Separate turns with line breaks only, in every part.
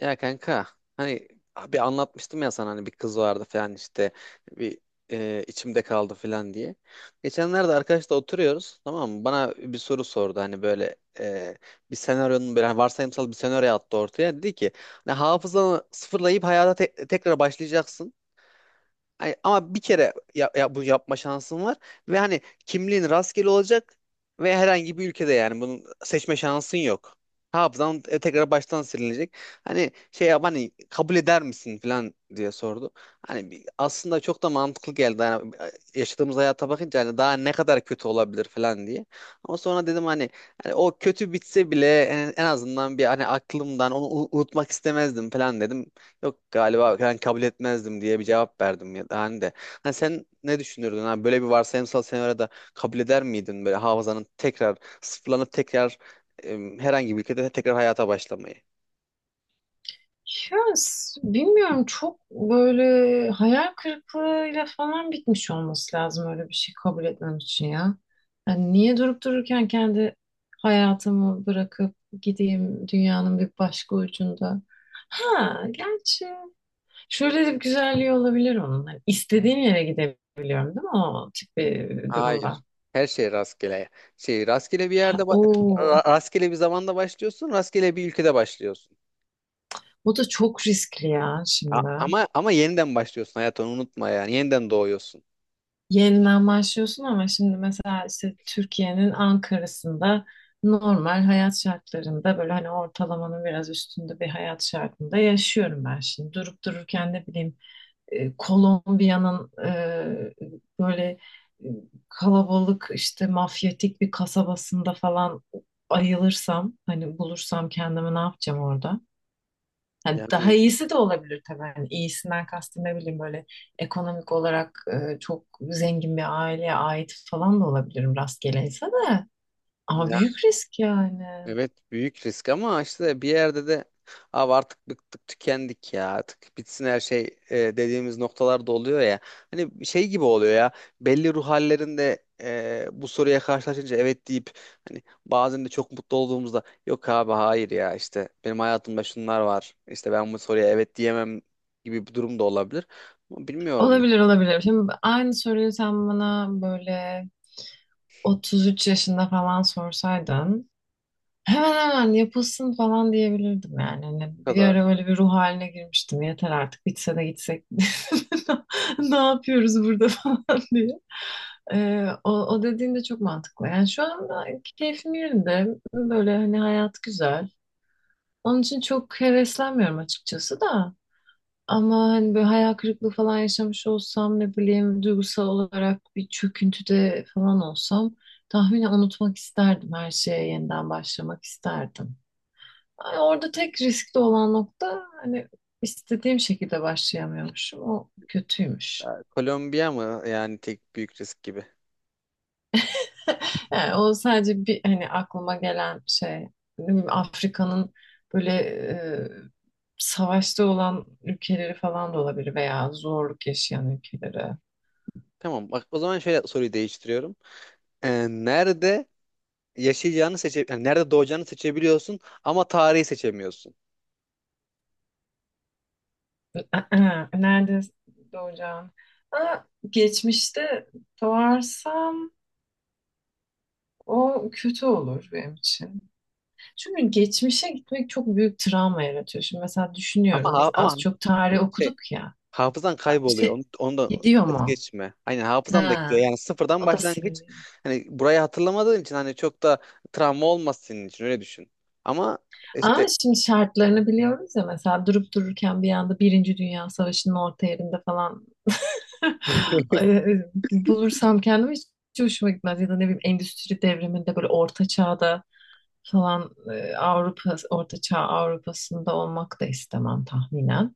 Ya kanka, hani bir anlatmıştım ya sana, hani bir kız vardı falan işte bir içimde kaldı falan diye. Geçenlerde arkadaşla oturuyoruz, tamam mı? Bana bir soru sordu, hani böyle bir senaryonun, böyle hani varsayımsal bir senaryo attı ortaya. Dedi ki hani hafızanı sıfırlayıp hayata tekrar başlayacaksın. Ay, ama bir kere ya, bu yapma şansın var ve hani kimliğin rastgele olacak ve herhangi bir ülkede, yani bunun seçme şansın yok. Hafızan tekrar baştan silinecek. Hani şey yap, hani kabul eder misin falan diye sordu. Hani aslında çok da mantıklı geldi. Yani yaşadığımız hayata bakınca hani daha ne kadar kötü olabilir falan diye. Ama sonra dedim hani, hani o kötü bitse bile en azından bir hani aklımdan onu unutmak istemezdim falan dedim. Yok, galiba ben kabul etmezdim diye bir cevap verdim, ya da hani de. Hani sen ne düşünürdün? Hani böyle bir varsayımsal senaryoda kabul eder miydin, böyle hafızanın tekrar sıfırlanıp tekrar herhangi bir ülkede tekrar hayata başlamayı?
Bilmiyorum, çok böyle hayal kırıklığıyla falan bitmiş olması lazım öyle bir şey kabul etmem için ya. Yani niye durup dururken kendi hayatımı bırakıp gideyim dünyanın bir başka ucunda. Ha, gerçi şöyle de bir güzelliği olabilir onun. Hani istediğim yere gidebiliyorum değil mi o tip bir
Hayır.
durumda?
Her şey rastgele. Şey, rastgele bir
Ha,
yerde
oo,
rastgele bir zamanda başlıyorsun, rastgele bir ülkede başlıyorsun.
o da çok riskli ya
A-
şimdi.
ama ama yeniden başlıyorsun, hayatını unutma yani. Yeniden doğuyorsun.
Yeniden başlıyorsun ama şimdi mesela işte Türkiye'nin Ankara'sında normal hayat şartlarında böyle hani ortalamanın biraz üstünde bir hayat şartında yaşıyorum ben şimdi. Durup dururken ne bileyim Kolombiya'nın böyle, e, kalabalık işte mafyatik bir kasabasında falan ayılırsam hani bulursam kendimi ne yapacağım orada? Hani daha
Yani
iyisi de olabilir tabii. Hani iyisinden kastım ne bileyim böyle ekonomik olarak çok zengin bir aileye ait falan da olabilirim rastgele de. Ama büyük risk yani.
evet, büyük risk, ama işte bir yerde de abi artık bıktık tükendik ya, artık bitsin her şey dediğimiz noktalarda oluyor ya. Hani şey gibi oluyor ya, belli ruh hallerinde bu soruya karşılaşınca evet deyip, hani bazen de çok mutlu olduğumuzda yok abi hayır ya, işte benim hayatımda şunlar var, işte ben bu soruya evet diyemem gibi bir durum da olabilir. Ama bilmiyorum ne
Olabilir, olabilir. Şimdi aynı soruyu sen bana böyle 33 yaşında falan sorsaydın hemen hemen yapılsın falan diyebilirdim yani. Hani bir
kadar.
ara öyle bir ruh haline girmiştim. Yeter artık bitse de gitsek. Ne yapıyoruz burada falan diye. O, o dediğin de çok mantıklı. Yani şu anda keyfim yerinde. Böyle hani hayat güzel. Onun için çok heveslenmiyorum açıkçası da. Ama hani böyle hayal kırıklığı falan yaşamış olsam ne bileyim duygusal olarak bir çöküntüde falan olsam tahminen unutmak isterdim. Her şeye yeniden başlamak isterdim. Yani orada tek riskli olan nokta hani istediğim şekilde başlayamıyormuşum. O kötüymüş.
Ya, Kolombiya mı yani tek büyük risk gibi.
Yani o sadece bir hani aklıma gelen şey. Ne bileyim, Afrika'nın böyle savaşta olan ülkeleri falan da olabilir veya zorluk yaşayan ülkeleri.
Tamam bak, o zaman şöyle soruyu değiştiriyorum. E, nerede yaşayacağını seçe, yani nerede doğacağını seçebiliyorsun ama tarihi seçemiyorsun.
Nerede doğacağım? Aa, geçmişte doğarsam o kötü olur benim için. Çünkü geçmişe gitmek çok büyük travma yaratıyor. Şimdi mesela
Ama
düşünüyorum biz
ama
az çok tarih
şey,
okuduk ya.
hafızan kayboluyor.
Şey,
Onu da
gidiyor
es
mu?
geçme. Aynen, hafızan da gidiyor.
Ha,
Yani sıfırdan
o da
başlangıç.
siliniyor.
Hani burayı hatırlamadığın için hani çok da travma olmaz senin için, öyle düşün. Ama
Ama
işte
şimdi şartlarını biliyoruz ya, mesela durup dururken bir anda Birinci Dünya Savaşı'nın orta yerinde falan ay, bulursam kendimi hiç hoşuma gitmez. Ya da ne bileyim endüstri devriminde böyle orta çağda falan, Avrupa, orta çağ Avrupa'sında olmak da istemem tahminen.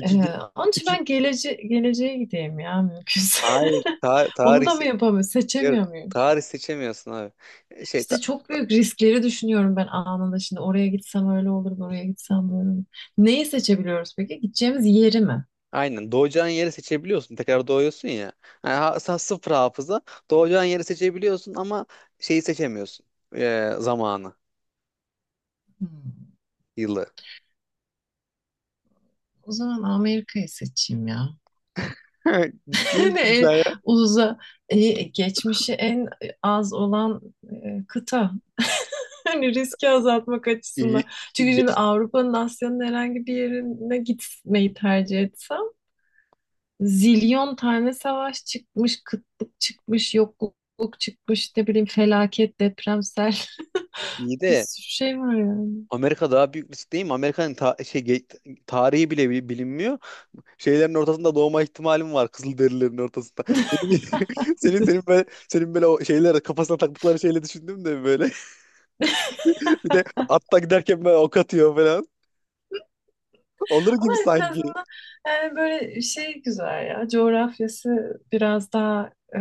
Ee,
iki gün
Onun için
iki
ben geleceğe gideyim ya mümkünse.
hayır
Onu da mı yapamıyorum?
ya,
Seçemiyor muyum?
tarih seçemiyorsun abi. Şey ta-
İşte çok büyük riskleri düşünüyorum ben anında. Şimdi oraya gitsem öyle olur, buraya gitsem böyle olur. Neyi seçebiliyoruz peki? Gideceğimiz yeri mi?
Aynen. Doğacağın yeri seçebiliyorsun. Tekrar doğuyorsun ya. Yani sıfır hafıza. Doğacağın yeri seçebiliyorsun ama şeyi seçemiyorsun. Zamanı,
Hmm,
yılı.
O zaman Amerika'yı seçeyim ya.
Ciddi
Yani
misin
en
sen ya?
uza, e, geçmişi en az olan kıta. Hani riski azaltmak
İyi,
açısından. Çünkü şimdi Avrupa'nın, Asya'nın herhangi bir yerine gitmeyi tercih etsem zilyon tane savaş çıkmış, kıtlık çıkmış, yokluk çıkmış, ne bileyim felaket, deprem, sel.
iyi
Bir
de
sürü şey var yani.
Amerika daha büyük risk değil mi? Amerika'nın şey, tarihi bile bilinmiyor. Şeylerin ortasında doğma ihtimalim var. Kızılderililerin ortasında. Senin, senin böyle, senin böyle o şeyler kafasına taktıkları şeyle düşündüm de böyle. Bir de atta giderken böyle ok atıyor falan. Olur
Ama
gibi
en
sanki.
azından yani böyle şey güzel ya. Coğrafyası biraz daha e,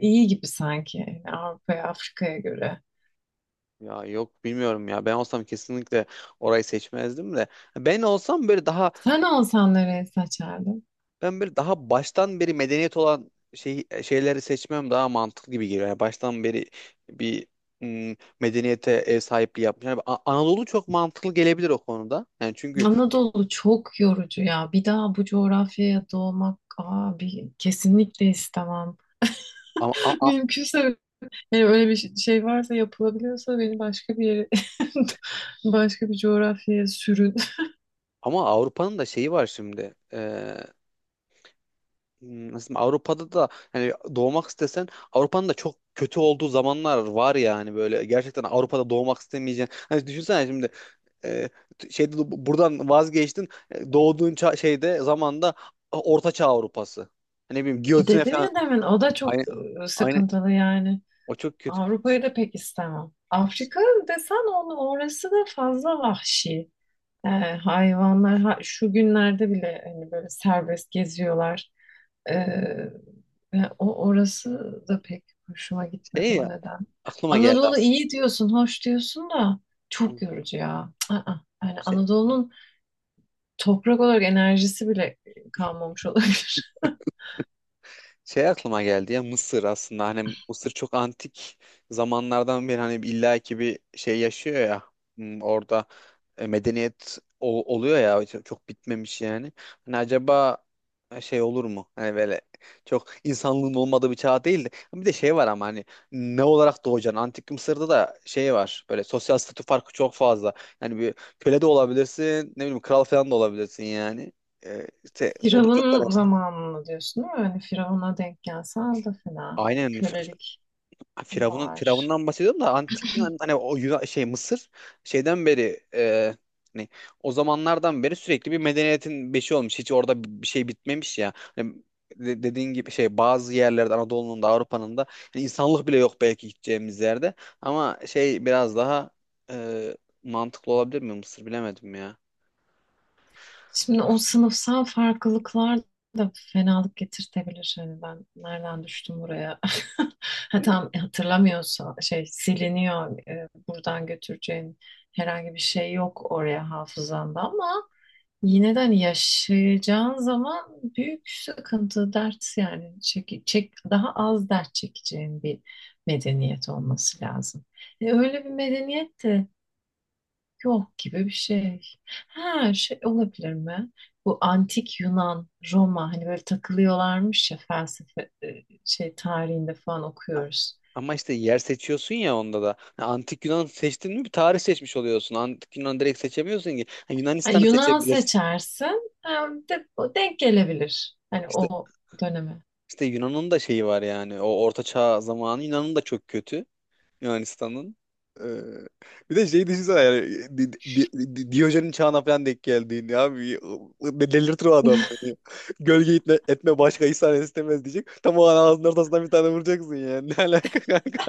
iyi gibi sanki yani Avrupa'ya, Afrika'ya göre.
Ya yok, bilmiyorum ya. Ben olsam kesinlikle orayı seçmezdim de. Ben olsam böyle daha
Sen olsan nereye seçerdin?
ben böyle daha baştan beri medeniyet olan şey şeyleri seçmem daha mantıklı gibi geliyor. Yani baştan beri bir medeniyete ev sahipliği yapmış. Yani Anadolu çok mantıklı gelebilir o konuda. Yani çünkü
Anadolu çok yorucu ya. Bir daha bu coğrafyaya doğmak abi kesinlikle istemem.
ama
Mümkünse yani öyle bir şey, şey varsa yapılabiliyorsa beni başka bir yere başka bir coğrafyaya sürün.
ama Avrupa'nın da şeyi var şimdi. Nasıl diyeyim, Avrupa'da da hani doğmak istesen Avrupa'nın da çok kötü olduğu zamanlar var yani, böyle gerçekten Avrupa'da doğmak istemeyeceğin. Hani düşünsene şimdi e, şeyde buradan vazgeçtin. E, doğduğun şeyde zamanda Orta Çağ Avrupası. Hani ne bileyim giyotine
Dedim
falan.
ya demin, o da çok
Aynen. Aynen.
sıkıntılı yani.
O çok kötü.
Avrupa'yı da pek istemem. Afrika desen onu, orası da fazla vahşi. E, hayvanlar şu günlerde bile hani böyle serbest geziyorlar. E, ve o orası da pek hoşuma gitmedi
Şey ya,
o neden.
aklıma geldi
Anadolu
aslında.
iyi diyorsun, hoş diyorsun da
Hı.
çok yorucu ya. Aa, yani Anadolu'nun toprak olarak enerjisi bile kalmamış olabilir.
Şey aklıma geldi ya, Mısır aslında, hani Mısır çok antik zamanlardan beri hani illa ki bir şey yaşıyor ya. Hmm, orada medeniyet oluyor ya, çok çok bitmemiş yani. Hani acaba şey olur mu? Hani böyle çok insanlığın olmadığı bir çağ değil de, bir de şey var ama hani ne olarak doğacaksın? Antik Mısır'da da şey var, böyle sosyal statü farkı çok fazla. Yani bir köle de olabilirsin, ne bileyim kral falan da olabilirsin yani. İşte o da çok
Firavun
önemli.
zamanını diyorsun değil mi? Hani Firavun'a denk gelsen de fena. Hani
Aynen.
kölelik
Ha,
var.
Firavun'dan bahsediyorum da, antik Yunan hani o Yunan, şey Mısır şeyden beri hani o zamanlardan beri sürekli bir medeniyetin beşi olmuş. Hiç orada bir şey bitmemiş ya. Hani de- dediğin gibi şey, bazı yerlerde Anadolu'nun da Avrupa'nın da hani insanlık bile yok belki gideceğimiz yerde. Ama şey biraz daha e, mantıklı olabilir mi Mısır, bilemedim ya.
Şimdi o sınıfsal farklılıklar da fenalık getirtebilir. Hani ben nereden düştüm buraya? Ha, tam hatırlamıyorsa şey siliniyor. Buradan götüreceğin herhangi bir şey yok oraya hafızanda ama yine de hani yaşayacağın zaman büyük sıkıntı, dert yani, çek, çek, daha az dert çekeceğin bir medeniyet olması lazım. Öyle bir medeniyet de yok gibi bir şey. Ha, şey olabilir mi? Bu antik Yunan, Roma, hani böyle takılıyorlarmış ya felsefe, şey tarihinde falan
A-
okuyoruz.
Ama işte yer seçiyorsun ya onda da. Ha, Antik Yunan seçtin mi bir tarih seçmiş oluyorsun. Antik Yunan direkt seçemiyorsun ki. Ha,
Hani
Yunanistan'ı
Yunan
seçebilirsin.
seçersin, ha, denk gelebilir. Hani
İşte
o döneme.
işte Yunan'ın da şeyi var yani. O Orta Çağ zamanı Yunan'ın da çok kötü. Yunanistan'ın. Ee, bir de şey düşünsene yani, Diyojen'in çağına falan denk geldiğini abi, delirtir o adam beni. Gölge etme, etme başka ihsan istemez diyecek. Tam o an ağzının ortasından bir tane vuracaksın yani. Ne alaka kanka?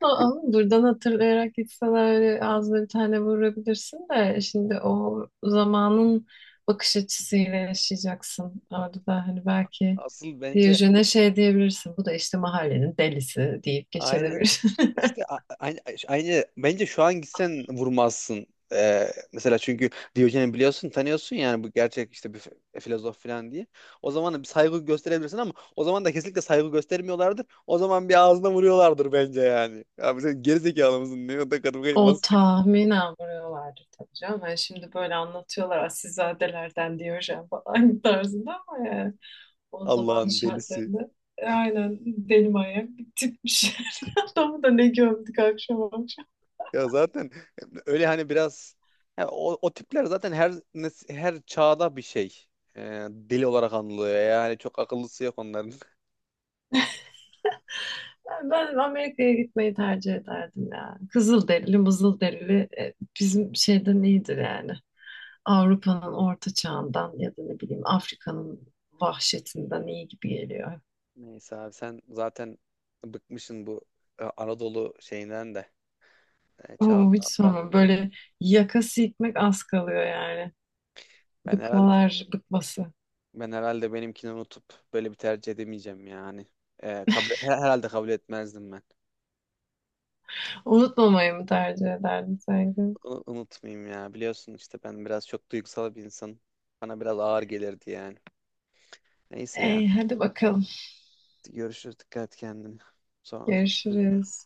Ama buradan hatırlayarak gitsen öyle ağzına bir tane vurabilirsin de şimdi o zamanın bakış açısıyla yaşayacaksın. Orada da hani belki
Asıl bence
Diyojen'e şey diyebilirsin. Bu da işte mahallenin delisi deyip
aynen.
geçebilirsin.
İşte aynı, aynı bence şu an gitsen vurmazsın. Ee, mesela çünkü Diyojen'i biliyorsun, tanıyorsun yani, bu gerçek işte bir filozof falan diye. O zaman da bir saygı gösterebilirsin, ama o zaman da kesinlikle saygı göstermiyorlardır. O zaman bir ağzına vuruyorlardır bence yani. Ya sen gerizekalı mısın? Ne kadar kadın
O
basit.
tahminen vuruyorlardı tabii canım. Yani şimdi böyle anlatıyorlar asilzadelerden Diyojen falan tarzında ama yani o zamanın
Allah'ın delisi.
şartlarında, aynen, deli manyak bir tipmiş. Adamı da ne gömdük akşam akşam.
Ya zaten öyle hani biraz ya o, o tipler zaten her çağda bir şey. Deli olarak anılıyor. Yani çok akıllısı yok onların.
Ben Amerika'ya gitmeyi tercih ederdim ya. Kızılderili, mızılderili, bizim şeyden iyidir yani. Avrupa'nın orta çağından ya da ne bileyim Afrika'nın vahşetinden iyi gibi geliyor.
Neyse abi, sen zaten bıkmışsın bu Anadolu şeyinden de
Oo, hiç
çağından da.
sorma, böyle yakası gitmek az kalıyor yani.
Ben herhalde
Bıkmalar bıkması.
ben herhalde benimkini unutup böyle bir tercih edemeyeceğim yani. E, herhalde kabul etmezdim ben.
Unutmamayı mı tercih ederdin sanki?
Bunu unutmayayım ya. Biliyorsun işte ben biraz çok duygusal bir insanım. Bana biraz ağır gelirdi yani. Neyse ya.
Ey, hadi bakalım.
Görüşürüz. Dikkat et kendine. Sonra konuşuruz.
Görüşürüz.